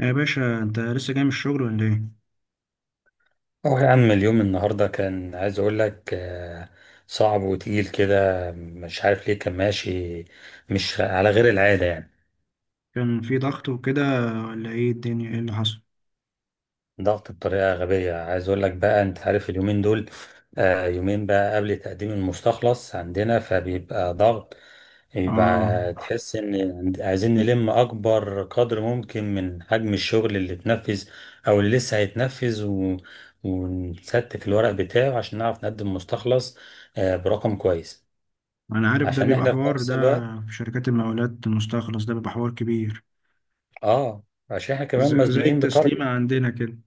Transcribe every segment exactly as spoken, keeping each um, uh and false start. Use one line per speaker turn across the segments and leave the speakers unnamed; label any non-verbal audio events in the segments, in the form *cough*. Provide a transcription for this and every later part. يا باشا، انت لسه جاي من الشغل ولا ايه؟
اه، يا عم اليوم النهاردة كان عايز اقول لك آه، صعب وتقيل كده، مش عارف ليه كان ماشي مش على غير العادة يعني.
كان في ضغط وكده ولا ايه؟ الدنيا ايه اللي حصل؟
ضغط بطريقة غبية، عايز اقول لك بقى، انت عارف اليومين دول. آه، يومين بقى قبل تقديم المستخلص عندنا فبيبقى ضغط،
اه
بيبقى تحس ان عند- عايزين نلم اكبر قدر ممكن من حجم الشغل اللي اتنفذ او اللي لسه هيتنفذ و... ونستف الورق بتاعه عشان نعرف نقدم مستخلص آه، برقم كويس.
انا عارف ده
عشان
بيبقى
احنا في
حوار.
نفس
ده
الوقت.
في شركات المقاولات المستخلص ده بيبقى حوار كبير.
اه. عشان احنا كمان
ز- زي
مزنوقين
التسليمة
بتارجت.
عندنا كده،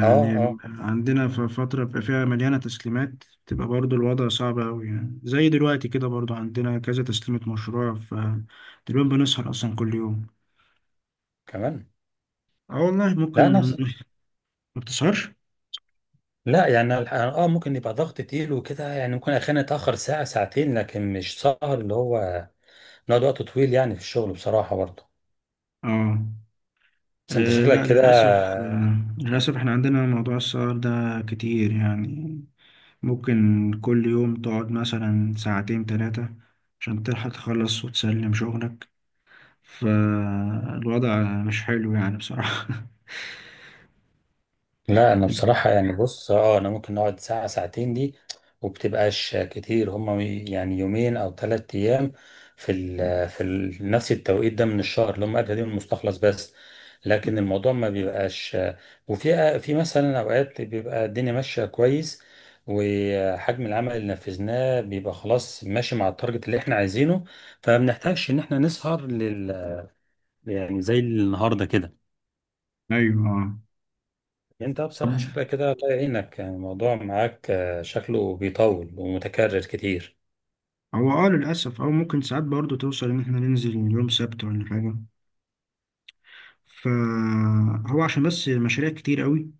اه. اه،
عندنا في فترة بيبقى فيها مليانة تسليمات تبقى برضو الوضع صعب أوي، يعني زي دلوقتي كده برضو عندنا كذا تسليمة مشروع، فتقريبا بنسهر أصلا كل يوم.
كمان.
اه والله ممكن.
لا، نفس.
ما بتسهرش؟
لا يعني الح- اه ممكن يبقى ضغط تقيل وكده، يعني ممكن احيانا اتاخر ساعه ساعتين، لكن مش سهر اللي هو نقعد وقت طويل يعني في الشغل بصراحه برضه.
اه.
بس انت
آه،
شكلك
لا
كده.
للأسف، آه، للأسف احنا عندنا موضوع السهر ده كتير، يعني ممكن كل يوم تقعد مثلا ساعتين تلاتة عشان تلحق تخلص وتسلم شغلك. فالوضع مش حلو يعني بصراحة.
لا انا بصراحة، يعني بص، اه انا ممكن نقعد ساعة ساعتين دي، وبتبقاش كتير، هما يعني يومين او ثلاث ايام في ال في ال نفس التوقيت ده من الشهر، اللي هم قبل يوم المستخلص بس. لكن الموضوع ما بيبقاش. وفي في مثلا اوقات بيبقى الدنيا ماشية كويس، وحجم العمل اللي نفذناه بيبقى خلاص ماشي مع التارجت اللي احنا عايزينه، فما بنحتاجش ان احنا نسهر لل، يعني زي النهارده كده.
*laughs* أيوة.
انت بصراحة
طب
شكلك كده الله يعينك، يعني الموضوع معاك آه، شكله بيطول ومتكرر كتير.
هو اه للأسف، أو ممكن ساعات برضه توصل إن احنا ننزل يوم سبت ولا حاجة، فهو عشان بس مشاريع كتير قوي،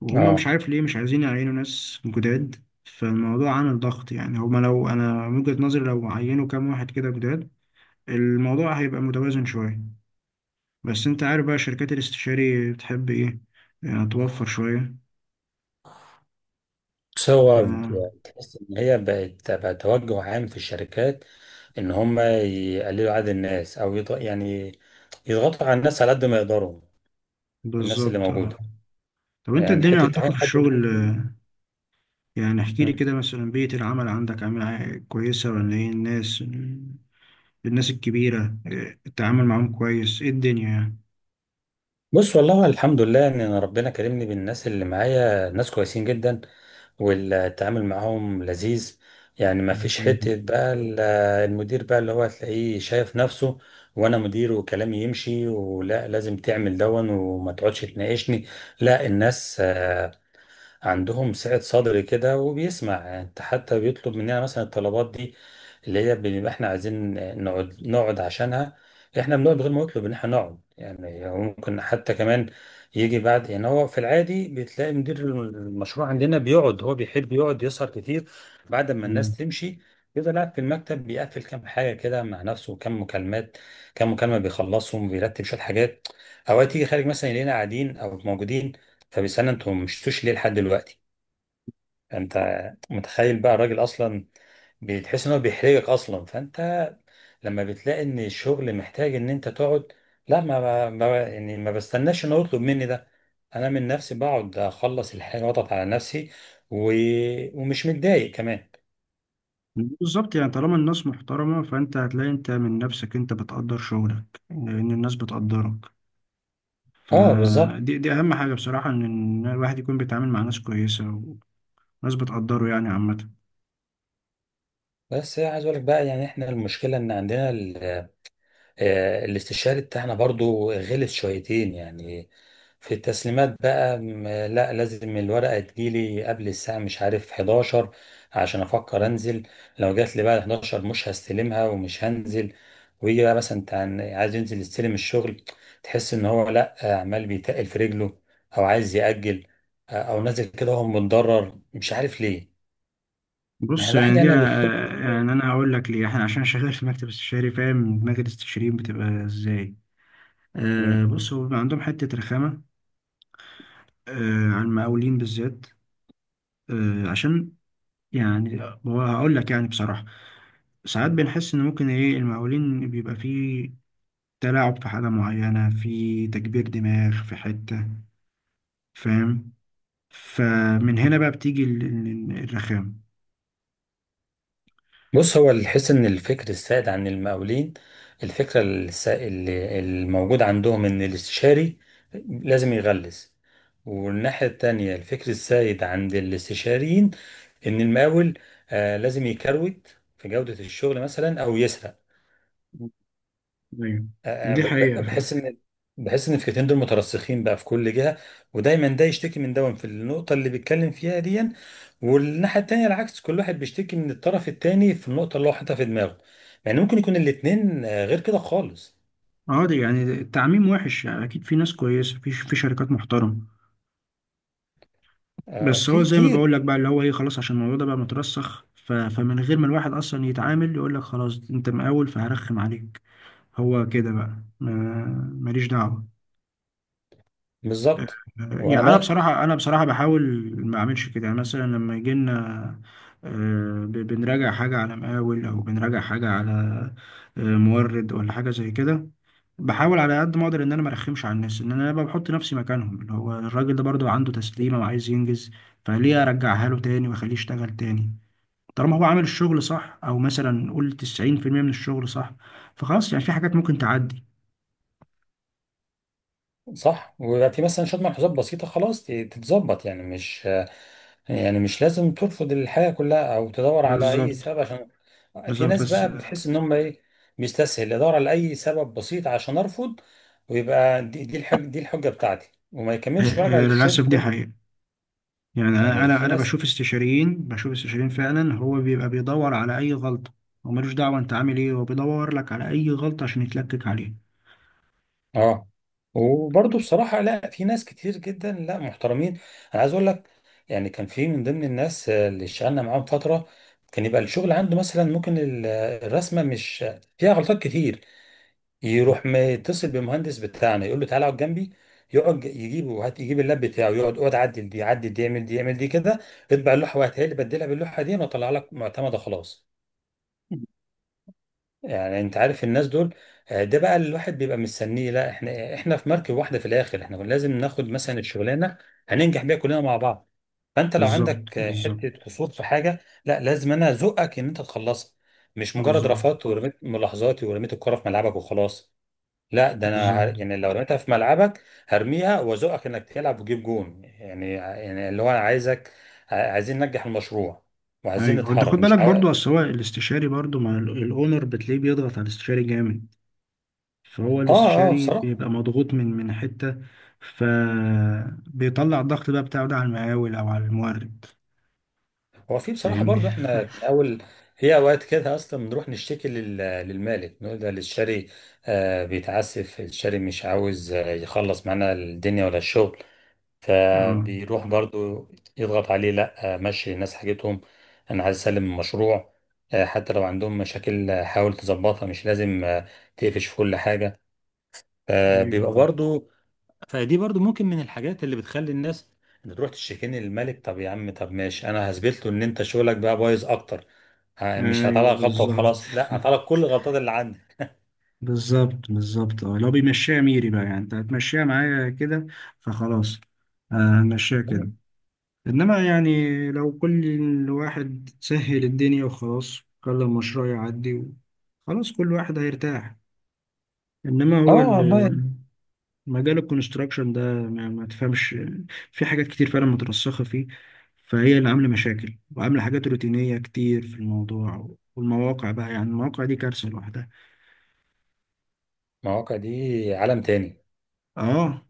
وهم مش
اه.
عارف ليه مش عايزين يعينوا ناس جداد، فالموضوع عامل ضغط. يعني هما لو انا من وجهة نظري لو عينوا كام واحد كده جداد الموضوع هيبقى متوازن شوية. بس انت عارف بقى شركات الاستشاري بتحب ايه، يعني توفر شوية.
بس
ف
هو ب- تحس ان هي بقت بقى توجه عام في الشركات، ان هم يقللوا عدد الناس او يض... يعني يضغطوا على الناس على قد ما يقدروا، الناس اللي
بالظبط.
موجودة.
آه. طب انت
يعني
الدنيا
حتة
عندكم
تعين
في
حد
الشغل
جديد
آه،
دي-
يعني احكي لي
مم.
كده، مثلا بيئة العمل عندك عاملة كويسة ولا ايه؟ الناس، الناس الكبيرة، آه، التعامل معاهم كويس؟ ايه الدنيا يعني؟
بص والله، الحمد لله ان انا ربنا كرمني بالناس اللي معايا، ناس كويسين جدا، والتعامل معاهم لذيذ. يعني ما فيش حتة
الحمد
بقى ال- المدير بقى اللي هو هتلاقيه شايف نفسه، وانا مدير وكلامي يمشي ولا لازم تعمل دون وما تقعدش تناقشني. لا، الناس عندهم سعة صدر كده وبيسمع، انت حتى بيطلب مننا مثلا الطلبات دي اللي هي بنبقى احنا عايزين نقعد نقعد عشانها. احنا بنقعد من غير ما يطلب ان احنا نقعد، يعني هو ممكن حتى كمان يجي بعد. يعني هو في العادي بتلاقي مدير المشروع عندنا بيقعد، هو بيحب يقعد يسهر كتير بعد ما
لله.
الناس تمشي، يفضل قاعد في المكتب بيقفل كام حاجة كده مع نفسه، كام مكالمات، كام مكالمة بيخلصهم، بيرتب شوية حاجات. أوقات يجي خارج مثلا يلاقينا قاعدين أو موجودين، طب استنى انتوا مشتوش ليه لحد دلوقتي؟ انت متخيل بقى الراجل اصلا، بتحس ان هو بيحرجك اصلا، فانت لما بتلاقي ان الشغل محتاج ان انت تقعد، لا، ما, ما ما- يعني ما بستناش ان هو يطلب مني ده، انا من نفسي بقعد اخلص الحاجه واضغط على نفسي و... ومش متضايق كمان.
بالظبط، يعني طالما الناس محترمة فأنت هتلاقي أنت من نفسك أنت بتقدر شغلك لأن الناس بتقدرك.
اه، بالظبط.
فدي، دي أهم حاجة بصراحة، إن إن الواحد يكون بيتعامل مع ناس كويسة وناس بتقدره يعني عامة.
بس عايز اقول لك بقى، يعني احنا المشكله ان عندنا آه، الاستشاري بتاعنا برضو غلس شويتين يعني. في التسليمات بقى م- لا لازم الورقة تجيلي قبل الساعة مش عارف حداشر عشان أفكر أنزل. لو جات لي بعد حداشر مش هستلمها ومش هنزل. ويجي بقى مثلا انت عن- عايز ينزل يستلم الشغل، تحس إن هو، لا آه، عمال بيتقل في رجله، أو عايز يأجل آه، أو نازل كده وهو متضرر مش عارف ليه. ما هي
بص،
الواحد
يعني
يعني
دي
ما بيطلبش.
آه، يعني أنا هقول لك ليه. إحنا عشان شغال في مكتب استشاري فاهم دماغ الاستشاريين بتبقى إزاي. آه بص، هو بيبقى عندهم حتة رخامة، آه عن المقاولين بالذات، آه عشان يعني، هو هقول لك يعني بصراحة ساعات بنحس ان ممكن ايه المقاولين بيبقى فيه تلاعب في حالة معينة، في تكبير دماغ في حتة، فاهم؟ فمن هنا بقى بتيجي ال- ال- الرخامة.
بص، هو الحس ان الفكر السائد عن المقاولين، الفكره الس- اللي الموجود عندهم ان الاستشاري لازم يغلس، والناحيه التانيه الفكر السائد عند الاستشاريين ان المقاول آه لازم يكروت في جوده الشغل مثلا او يسرق.
ايوه،
آه، آه،
دي
ب-
حقيقة
ب-
فعلا.
بحس ان، بحس ان الفكرتين دول مترسخين بقى في كل جهه، ودايما ده يشتكي من ده في النقطه اللي بيتكلم فيها دي، والناحيه التانيه العكس، كل واحد بيشتكي من الطرف التاني في النقطه اللي هو حاططها في دماغه. يعني ممكن يكون الاتنين آه، غير كده خالص.
اه ده يعني التعميم وحش، يعني اكيد في ناس كويسه في في شركات محترمه،
آه،
بس هو
في
زي ما
كتير.
بقول لك بقى اللي هو ايه، خلاص عشان الموضوع ده بقى مترسخ، ف- فمن غير ما الواحد اصلا يتعامل يقول لك خلاص انت مقاول فهرخم عليك. هو كده بقى ما- ماليش دعوه.
بالظبط. وانا.
يعني انا بصراحه، انا بصراحه بحاول ما اعملش كده، يعني مثلا لما يجي لنا آه، ب- بنراجع حاجه على مقاول او بنراجع حاجه على آه، مورد ولا حاجه زي كده. بحاول على قد ما اقدر ان انا ما ارخمش على الناس، ان انا ببقى بحط نفسي مكانهم، اللي هو الراجل ده برضو عنده تسليمه وعايز ينجز، فليه ارجعها له تاني واخليه يشتغل تاني، طالما هو عامل الشغل صح، او مثلا قول تسعين في المية من الشغل صح، فخلاص يعني في حاجات ممكن تعدي.
صح، ويبقى في مثلا شوية ملحوظات بسيطة خلاص ت- تتظبط، يعني مش يعني مش لازم ترفض الحياة كلها أو تدور على أي
بالظبط،
سبب عشان. في
بالظبط،
ناس
بس
بقى
آه،
بتحس إن هم إيه، بيستسهل يدور على أي سبب بسيط عشان أرفض، ويبقى دي دي الحج دي الحجة بتاعتي وما يكملش بقى
آه،
للشغل
للاسف دي
كله.
حقيقه. يعني انا
يعني
انا
في
أنا
ناس.
بشوف استشاريين، بشوف استشاريين فعلا هو بيبقى بيدور على اي غلطه، هو ملوش دعوه انت عامل ايه، هو بيدور لك على اي غلطه عشان يتلكك عليها.
اه وبرضه بصراحة، لا، في ناس كتير جدا، لا محترمين. انا عايز اقول لك، يعني كان في من ضمن الناس آه، اللي اشتغلنا معاهم فترة، كان يبقى الشغل عنده مثلا ممكن ال- آه، الرسمة مش فيها غلطات كتير، يروح متصل بالمهندس بتاعنا يقول له تعالى اقعد جنبي، يقعد يجيبه، هات، يجيب اللاب بتاعه، يقعد، اقعد عدل دي، عدل دي، اعمل دي، اعمل دي كده، اطبع اللوحة وهاتها لي، بدلها باللوحة دي واطلع لك معتمدة خلاص. يعني انت عارف الناس دول، آه، ده بقى اللي الواحد بيبقى مستنيه. لا احنا احنا في مركب واحده في الاخر، احنا كنا لازم ناخد مثلا الشغلانه هننجح بيها كلنا مع بعض. فانت لو
بالظبط،
عندك آه، حته
بالظبط،
قصور في حاجه، لا لازم انا ازقك ان انت تخلصها، مش مجرد
بالظبط،
رفضت ورميت ملاحظاتي ورميت الكره في ملعبك وخلاص. لا، ده انا، ه-
بالظبط.
يعني لو رميتها في ملعبك هرميها وازقك انك تلعب وتجيب جون، يعني يعني اللي هو انا عايزك، ع- عايزين ننجح المشروع، وعايزين
ايوه، وانت
نتحرك
خد
مش
بالك
عاو...
برضو، اصل هو الاستشاري برضو مع ال- الاونر بتلاقيه بيضغط على الاستشاري جامد، فهو
اه. اه،
الاستشاري
بصراحه.
بيبقى مضغوط من من حته، فبيطلع الضغط بقى بتاعه ده على المقاول او على المورد.
هو في بصراحة
فاهمني؟
برضو احنا من أول، في أوقات كده أصلا بنروح نشتكي لل- للمالك، نقول ده الشاري آه، بيتعسف، الشاري مش عاوز آه، يخلص معانا الدنيا ولا الشغل.
*laughs* اه،
فبيروح برضو يضغط عليه، لا آه، مشي الناس حاجتهم، أنا عايز أسلم المشروع آه، حتى لو عندهم مشاكل آه، حاول تظبطها، مش لازم آه، تقفش في كل حاجة.
ايوه،
فبيبقى برضو. فدي برضو ممكن من الحاجات اللي بتخلي الناس، انت تروح تشتكيني للملك، طب يا عم، طب ماشي، انا هثبت له ان انت شغلك بقى بايظ اكتر، ه- مش
ايوه،
هطلع غلطه
بالظبط،
وخلاص، لا هطلع كل الغلطات اللي عندك.
بالظبط، بالظبط. اه، لو بيمشيها ميري بقى، يعني انت هتمشيها معايا كده، فخلاص. آه، هنمشيها كده. انما يعني لو كل واحد سهل الدنيا وخلاص خلى المشروع يعدي و- خلاص كل واحد هيرتاح. انما هو
اه والله.
ال- مجال الكونستراكشن ده ما ما تفهمش. في حاجات كتير فعلا مترسخة فيه، فهي اللي عاملة مشاكل وعاملة حاجات روتينية كتير في الموضوع. والمواقع بقى، يعني المواقع دي كارثة لوحدها.
المواقع دي عالم تاني.
اه،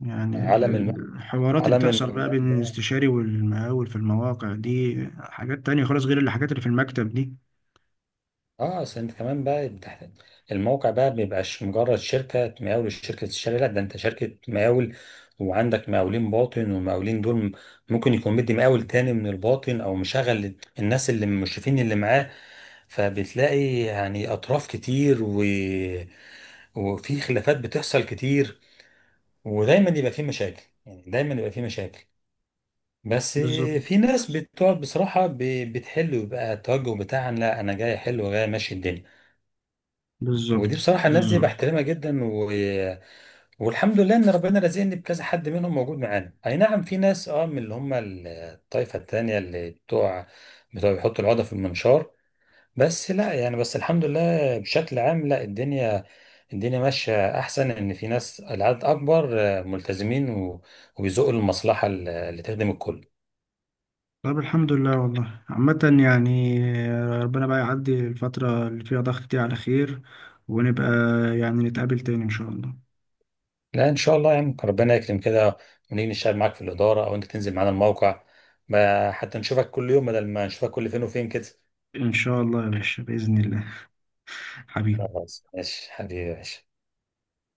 يعني ال-
عالم الم...
ال- الحوارات اللي
عالم
بتحصل بقى
المولان
بين
ده.
الاستشاري والمقاول في المواقع دي حاجات تانية خالص غير الحاجات اللي في المكتب دي.
اه اصل انت كمان بقى بتحت... الموقع بقى بيبقاش مجرد شركة مقاول شركة الشارع، لا ده انت شركة مقاول وعندك مقاولين باطن، والمقاولين دول ممكن يكون مدي مقاول تاني من الباطن، او مشغل الناس اللي المشرفين اللي معاه. فبتلاقي يعني اطراف كتير و... وفي خلافات بتحصل كتير، ودايما يبقى في مشاكل، يعني دايما يبقى في مشاكل. بس
بالظبط،
في ناس بتقعد بصراحة ب- بتحل، ويبقى التوجه بتاعها لا انا جاي احل وجاي ماشي الدنيا.
بالظبط،
ودي بصراحة الناس دي
بالظبط.
بحترمها جدا و... والحمد لله إن ربنا رزقني بكذا حد منهم موجود معانا. أي نعم، في ناس أه من اللي هم ال- الطائفة التانية، اللي بتوع بتوع بيحطوا العقدة في المنشار. بس لا يعني، بس الحمد لله بشكل عام، لا الدنيا الدنيا ماشية أحسن، إن في ناس العدد أكبر، آه، ملتزمين و... وبيزقوا المصلحة ال- اللي تخدم الكل.
طب الحمد لله والله عامة، يعني آه، ربنا بقى يعدي الفترة اللي فيها ضغط دي على خير، ونبقى يعني نتقابل تاني إن شاء الله.
لا إن شاء الله، يعني ربنا يكرم كده ونيجي نشتغل معاك في الإدارة، أو أنت تنزل معانا الموقع، ما- حتى نشوفك كل يوم بدل ما نشوفك كل فين وفين كده.
إن شاء الله يا باشا، بإذن الله. *laughs* حبيبي.
خلاص ماشي حبيبي يا باشا.